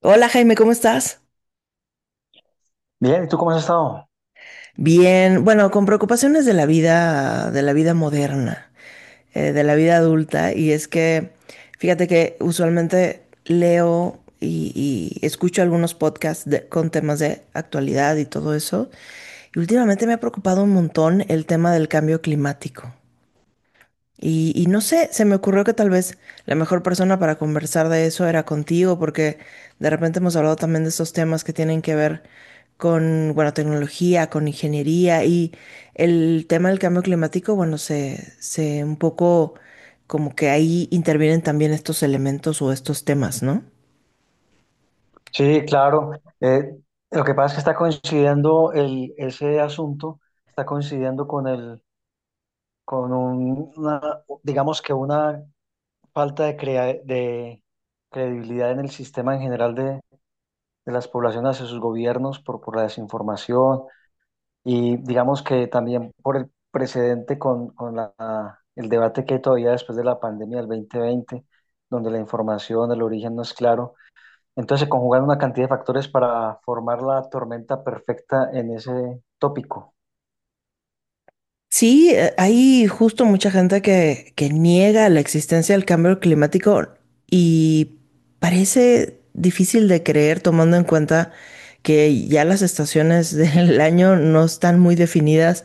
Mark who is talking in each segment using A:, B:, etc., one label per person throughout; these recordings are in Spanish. A: Hola Jaime, ¿cómo estás?
B: Bien, ¿y tú cómo has estado?
A: Bien, bueno, con preocupaciones de la vida moderna, de la vida adulta, y es que, fíjate que usualmente leo y escucho algunos con temas de actualidad y todo eso, y últimamente me ha preocupado un montón el tema del cambio climático. Y no sé, se me ocurrió que tal vez la mejor persona para conversar de eso era contigo, porque de repente hemos hablado también de estos temas que tienen que ver con, bueno, tecnología, con ingeniería y el tema del cambio climático. Bueno, se un poco como que ahí intervienen también estos elementos o estos temas, ¿no?
B: Sí, claro. eh, lo que pasa es que está coincidiendo ese asunto, está coincidiendo con el, con un- una, digamos que una falta de credibilidad en el sistema en general de las poblaciones hacia sus gobiernos por la desinformación y digamos que también por el precedente el debate que hay todavía después de la pandemia del 2020, donde la información, el origen no es claro. Entonces se conjugan una cantidad de factores para formar la tormenta perfecta en ese tópico.
A: Sí, hay justo mucha gente que niega la existencia del cambio climático y parece difícil de creer tomando en cuenta que ya las estaciones del año no están muy definidas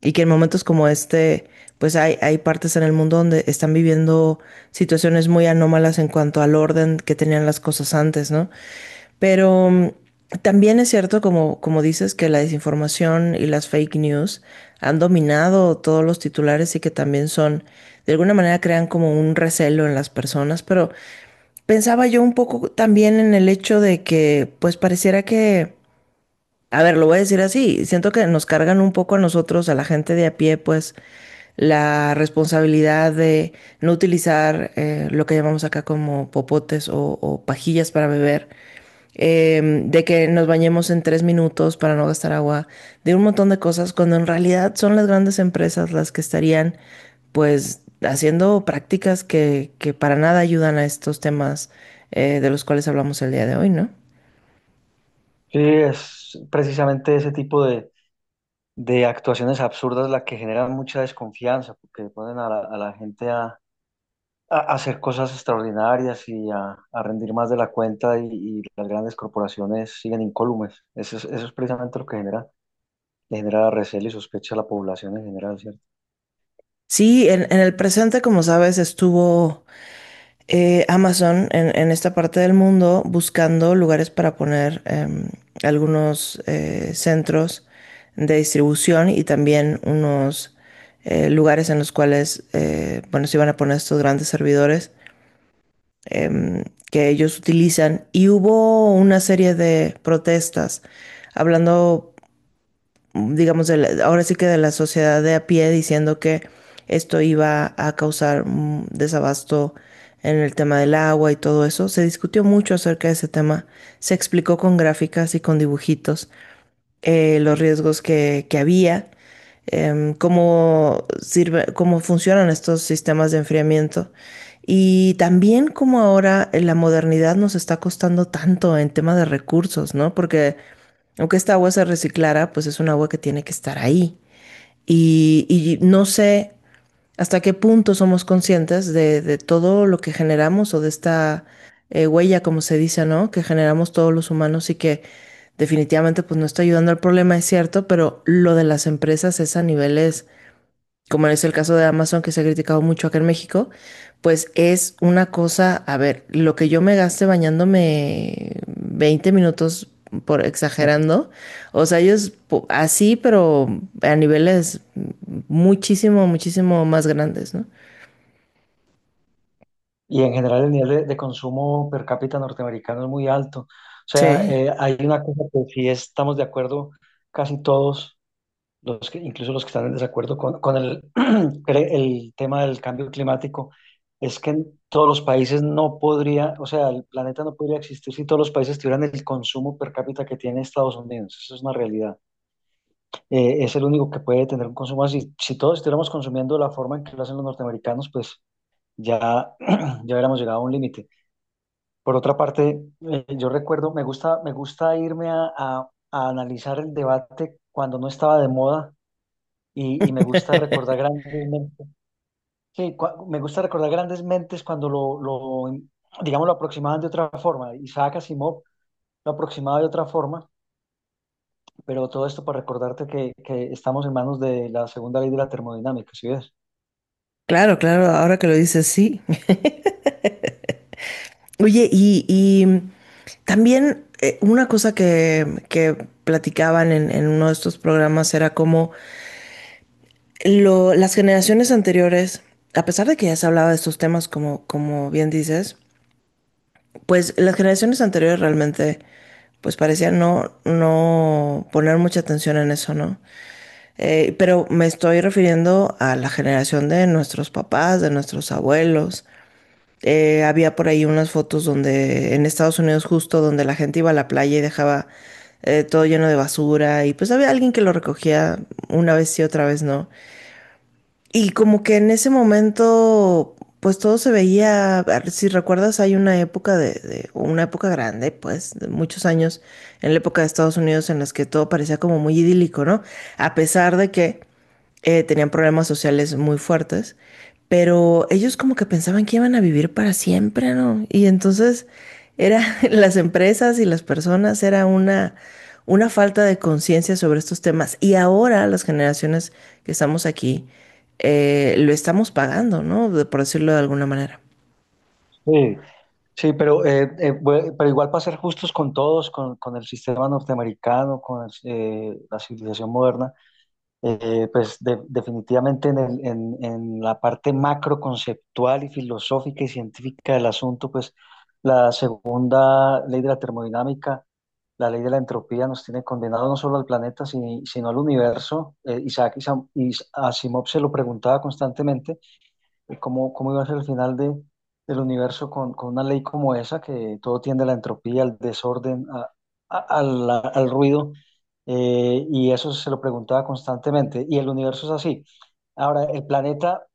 A: y que en momentos como este, pues hay partes en el mundo donde están viviendo situaciones muy anómalas en cuanto al orden que tenían las cosas antes, ¿no? Pero también es cierto, como dices, que la desinformación y las fake news han dominado todos los titulares y que también son, de alguna manera, crean como un recelo en las personas. Pero pensaba yo un poco también en el hecho de que, pues pareciera que a ver, lo voy a decir así, siento que nos cargan un poco a nosotros, a la gente de a pie, pues la responsabilidad de no utilizar, lo que llamamos acá como popotes o pajillas para beber, de que nos bañemos en tres minutos para no gastar agua, de un montón de cosas, cuando en realidad son las grandes empresas las que estarían pues haciendo prácticas que para nada ayudan a estos temas, de los cuales hablamos el día de hoy, ¿no?
B: Sí, es precisamente ese tipo de actuaciones absurdas la que generan mucha desconfianza, porque ponen a la gente a hacer cosas extraordinarias y a rendir más de la cuenta y las grandes corporaciones siguen incólumes. Eso es precisamente lo que genera, le genera recelo y sospecha a la población en general, ¿cierto?
A: Sí, en el presente, como sabes, estuvo, Amazon en esta parte del mundo buscando lugares para poner, algunos centros de distribución y también unos lugares en los cuales, bueno, se iban a poner estos grandes servidores em, que ellos utilizan. Y hubo una serie de protestas hablando, digamos, ahora sí que de la sociedad de a pie diciendo que esto iba a causar un desabasto en el tema del agua y todo eso. Se discutió mucho acerca de ese tema, se explicó con gráficas y con dibujitos los riesgos que había, cómo sirve, cómo funcionan estos sistemas de enfriamiento. Y también como ahora, la modernidad nos está costando tanto en tema de recursos, ¿no? Porque aunque esta agua se reciclara, pues es un agua que tiene que estar ahí. Y no sé hasta qué punto somos conscientes de todo lo que generamos o de esta, huella, como se dice, ¿no? Que generamos todos los humanos y que definitivamente pues no está ayudando al problema, es cierto, pero lo de las empresas es a niveles como es el caso de Amazon que se ha criticado mucho acá en México, pues es una cosa, a ver, lo que yo me gaste bañándome 20 minutos por exagerando, o sea, así, pero a niveles muchísimo, muchísimo más grandes, ¿no?
B: Y en general el nivel de consumo per cápita norteamericano es muy alto. O sea,
A: Sí.
B: hay una cosa que sí estamos de acuerdo casi todos, los que, incluso los que están en desacuerdo con el tema del cambio climático, es que en todos los países no podría, o sea, el planeta no podría existir si todos los países tuvieran el consumo per cápita que tiene Estados Unidos. Eso es una realidad. Es el único que puede tener un consumo así. Si todos estuviéramos consumiendo de la forma en que lo hacen los norteamericanos, pues ya, ya hubiéramos llegado a un límite. Por otra parte, yo recuerdo, me gusta irme a analizar el debate cuando no estaba de moda y me gusta recordar grandes mentes. Sí, me gusta recordar grandes mentes cuando digamos, lo aproximaban de otra forma. Isaac Asimov lo aproximaba de otra forma, pero todo esto para recordarte que estamos en manos de la segunda ley de la termodinámica, ¿Sí ves?
A: Claro, claro, ahora que lo dices, sí. Oye, y también, una cosa que platicaban en uno de estos programas era cómo las generaciones anteriores, a pesar de que ya se hablaba de estos temas como, como bien dices, pues las generaciones anteriores realmente, pues parecían no poner mucha atención en eso, ¿no? Pero me estoy refiriendo a la generación de nuestros papás, de nuestros abuelos. Había por ahí unas fotos donde en Estados Unidos justo donde la gente iba a la playa y dejaba, todo lleno de basura y pues había alguien que lo recogía una vez sí, otra vez no. Y como que en ese momento, pues todo se veía, a ver, si recuerdas, hay una época una época grande, pues, de muchos años, en la época de Estados Unidos, en las que todo parecía como muy idílico, ¿no? A pesar de que, tenían problemas sociales muy fuertes, pero ellos como que pensaban que iban a vivir para siempre, ¿no? Y entonces era las empresas y las personas era una falta de conciencia sobre estos temas y ahora las generaciones que estamos aquí, lo estamos pagando, ¿no? De... por decirlo de alguna manera.
B: Sí, sí, pero igual para ser justos con todos, con el sistema norteamericano, la civilización moderna, pues definitivamente en la parte macro conceptual y filosófica y científica del asunto, pues la segunda ley de la termodinámica, la ley de la entropía, nos tiene condenado no solo al planeta, sino al universo. Isaac Asimov se lo preguntaba constantemente. ¿Cómo iba a ser el final del universo con una ley como esa, que todo tiende a la entropía, al desorden, al ruido? Y eso se lo preguntaba constantemente. Y el universo es así. Ahora, el planeta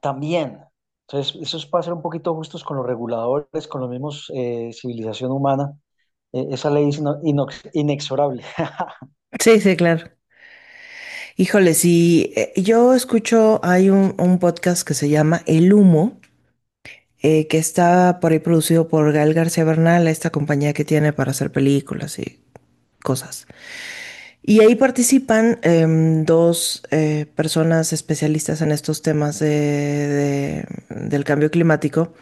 B: también. Entonces, eso es para ser un poquito justos con los reguladores, con los mismos civilización humana. Esa ley es inexorable.
A: Sí, sí, claro. Híjole, si yo escucho, hay un podcast que se llama El Humo, que está por ahí producido por Gael García Bernal, esta compañía que tiene para hacer películas y cosas. Y ahí participan, dos, personas especialistas en estos temas del cambio climático,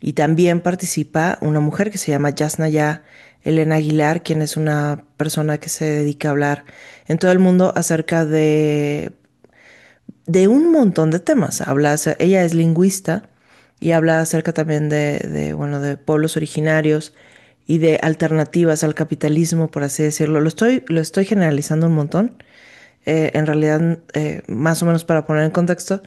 A: y también participa una mujer que se llama Yasnaya Elena Aguilar, quien es una persona que se dedica a hablar en todo el mundo acerca de un montón de temas. Habla, ella es lingüista y habla acerca también de, bueno, de pueblos originarios y de alternativas al capitalismo, por así decirlo. Lo estoy generalizando un montón. En realidad, más o menos para poner en contexto,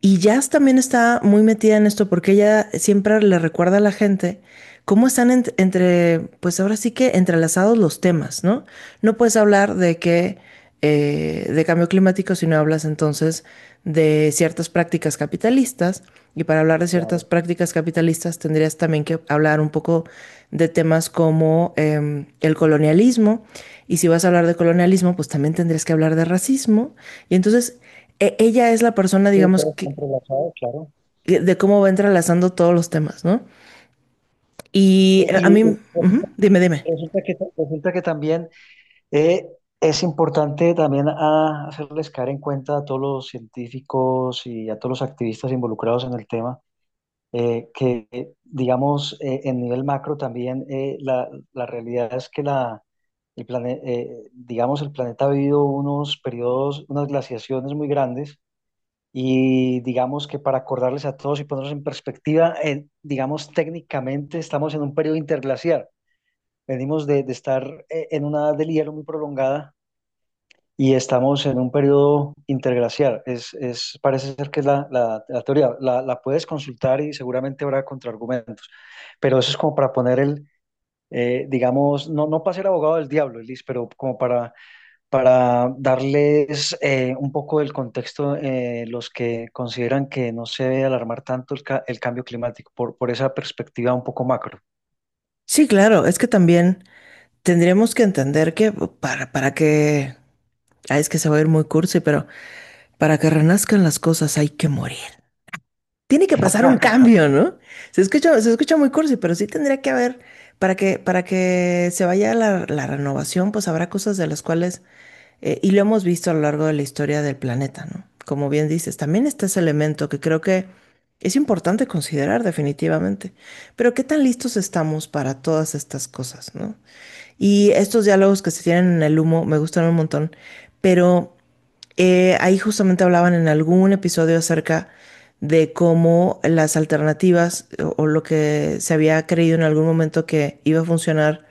A: y Jazz también está muy metida en esto porque ella siempre le recuerda a la gente cómo están pues ahora sí que entrelazados los temas, ¿no? No puedes hablar de que, de cambio climático si no hablas entonces de ciertas prácticas capitalistas. Y para hablar de ciertas
B: Claro.
A: prácticas capitalistas tendrías también que hablar un poco de temas como, el colonialismo. Y si vas a hablar de colonialismo, pues también tendrías que hablar de racismo. Y entonces ella es la persona,
B: Sí,
A: digamos,
B: todo está entrelazado, claro.
A: de cómo va entrelazando todos los temas, ¿no? Y
B: Eh, y
A: a mí,
B: y
A: ujú,
B: resulta,
A: dime, dime.
B: resulta que, resulta que también. Eh, es importante también hacerles caer en cuenta a todos los científicos y a todos los activistas involucrados en el tema, que, digamos, en nivel macro también, la la realidad es que digamos, el planeta ha vivido unos periodos, unas glaciaciones muy grandes y digamos que para acordarles a todos y ponernos en perspectiva, digamos, técnicamente estamos en un periodo interglaciar. Venimos de estar en una edad del hielo muy prolongada y estamos en un periodo interglaciar. Parece ser que es la teoría. La puedes consultar y seguramente habrá contraargumentos. Pero eso es como para poner digamos, no, no para ser abogado del diablo, Elis, pero como para, darles un poco del contexto los que consideran que no se debe alarmar tanto el cambio climático por esa perspectiva un poco macro.
A: Sí, claro, es que también tendríamos que entender que oh, para que, ah, es que se va a ir muy cursi, pero para que renazcan las cosas hay que morir. Tiene que pasar un cambio, ¿no? Se escucha muy cursi, pero sí tendría que haber, para que se vaya la, la renovación, pues habrá cosas de las cuales... y lo hemos visto a lo largo de la historia del planeta, ¿no? Como bien dices, también está ese elemento que creo que es importante considerar definitivamente. Pero ¿qué tan listos estamos para todas estas cosas, ¿no? Y estos diálogos que se tienen en El Humo me gustan un montón, pero, ahí justamente hablaban en algún episodio acerca de cómo las alternativas o lo que se había creído en algún momento que iba a funcionar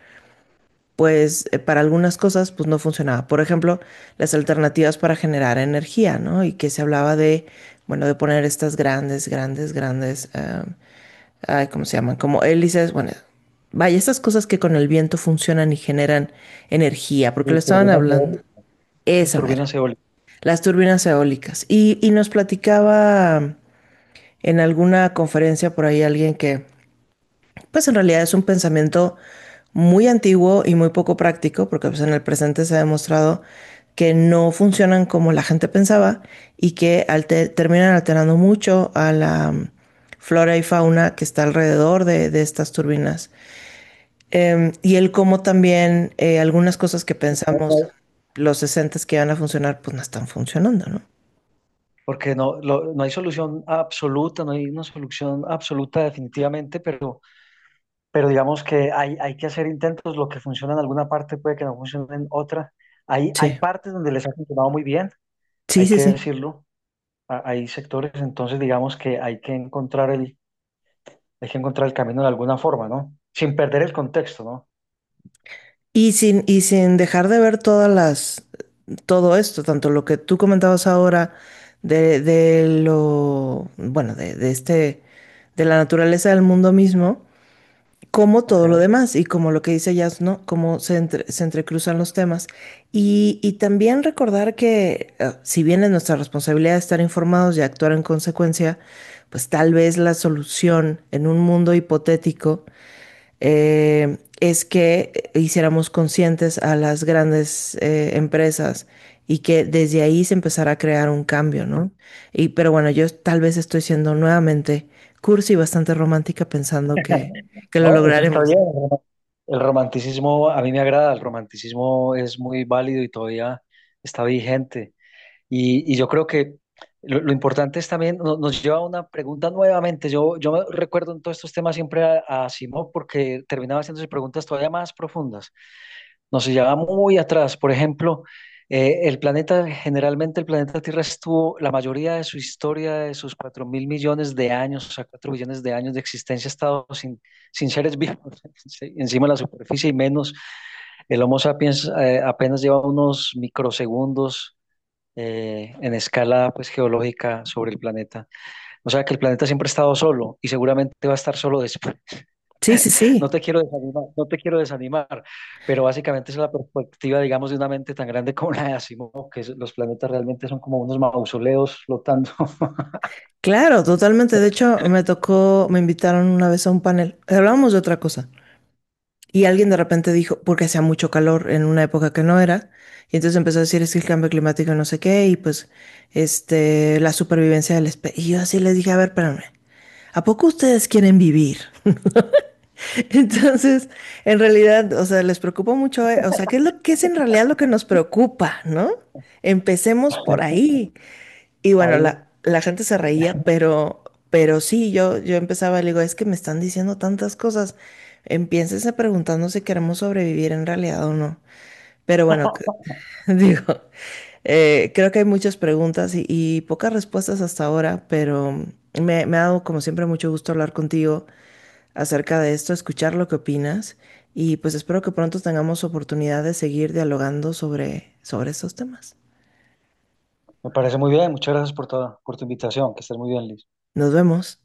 A: pues, para algunas cosas pues no funcionaba. Por ejemplo, las alternativas para generar energía, ¿no? Y que se hablaba de, bueno, de poner estas grandes, ay, ¿cómo se llaman? Como hélices, bueno, vaya, estas cosas que con el viento funcionan y generan energía,
B: Sí,
A: porque lo estaban
B: turbinas
A: hablando.
B: eólicas. Esas
A: Esa mera.
B: turbinas eólicas.
A: Las turbinas eólicas. Y nos platicaba en alguna conferencia por ahí alguien que pues en realidad es un pensamiento muy antiguo y muy poco práctico, porque pues en el presente se ha demostrado que no funcionan como la gente pensaba y que terminan alterando mucho a la, flora y fauna que está alrededor de estas turbinas. Y el cómo también, algunas cosas que pensamos
B: ¿No?
A: los 60 que iban a funcionar, pues no están funcionando, ¿no?
B: Porque no, no hay solución absoluta, no hay una solución absoluta definitivamente, pero digamos que hay que hacer intentos, lo que funciona en alguna parte puede que no funcione en otra. Hay
A: Sí,
B: partes donde les ha funcionado muy bien,
A: sí,
B: hay
A: sí,
B: que
A: sí.
B: decirlo, hay sectores, entonces digamos que hay que encontrar el camino de alguna forma, ¿no? Sin perder el contexto, ¿no?
A: Y sin dejar de ver todas las, todo esto, tanto lo que tú comentabas ahora de lo, bueno, de este, de la naturaleza del mundo mismo, como todo lo
B: Ok.
A: demás y como lo que dice Jazz, ¿no? Cómo se, se entrecruzan los temas. Y también recordar que, si bien es nuestra responsabilidad estar informados y actuar en consecuencia, pues tal vez la solución en un mundo hipotético, es que hiciéramos conscientes a las grandes, empresas y que desde ahí se empezara a crear un cambio, ¿no? Y, pero bueno, yo tal vez estoy siendo nuevamente cursi y bastante romántica pensando que lo
B: No, eso está
A: lograremos,
B: bien.
A: ¿no?
B: ¿No? El romanticismo a mí me agrada, el romanticismo es muy válido y todavía está vigente. Y yo creo que lo importante es también, nos lleva a una pregunta nuevamente. Yo me recuerdo en todos estos temas siempre a Simón porque terminaba haciéndose preguntas todavía más profundas. Nos llevaba muy atrás. Por ejemplo, el planeta, generalmente el planeta Tierra estuvo, la mayoría de su historia, de sus 4.000 millones de años, o sea, 4 billones de años de existencia, ha estado sin, sin seres vivos sí, encima de la superficie y menos. El Homo sapiens apenas lleva unos microsegundos en escala pues geológica sobre el planeta. O sea que el planeta siempre ha estado solo y seguramente va a estar solo después.
A: Sí, sí,
B: No
A: sí.
B: te quiero desanimar, no te quiero desanimar, pero básicamente esa es la perspectiva, digamos, de una mente tan grande como la de Asimov, los planetas realmente son como unos mausoleos flotando
A: Claro, totalmente. De hecho, me tocó, me invitaron una vez a un panel. Hablábamos de otra cosa, y alguien de repente dijo, porque hacía mucho calor en una época que no era, y entonces empezó a decir, es que el cambio climático no sé qué, y pues, este, la supervivencia del especie. Y yo así les dije, a ver, espérame, ¿a poco ustedes quieren vivir? Entonces, en realidad, o sea, les preocupa mucho, o sea, ¿qué es lo que es en realidad lo que nos preocupa, ¿no? Empecemos por ahí. Y bueno,
B: ahí.
A: la gente se reía, pero sí, yo empezaba, le digo, es que me están diciendo tantas cosas. Empiénsense preguntando si queremos sobrevivir en realidad o no. Pero bueno, digo, creo que hay muchas preguntas y pocas respuestas hasta ahora, pero me ha dado como siempre mucho gusto hablar contigo acerca de esto, escuchar lo que opinas y pues espero que pronto tengamos oportunidad de seguir dialogando sobre, sobre estos temas.
B: Me parece muy bien, muchas gracias por toda, por tu invitación, que estés muy bien, Liz.
A: Nos vemos.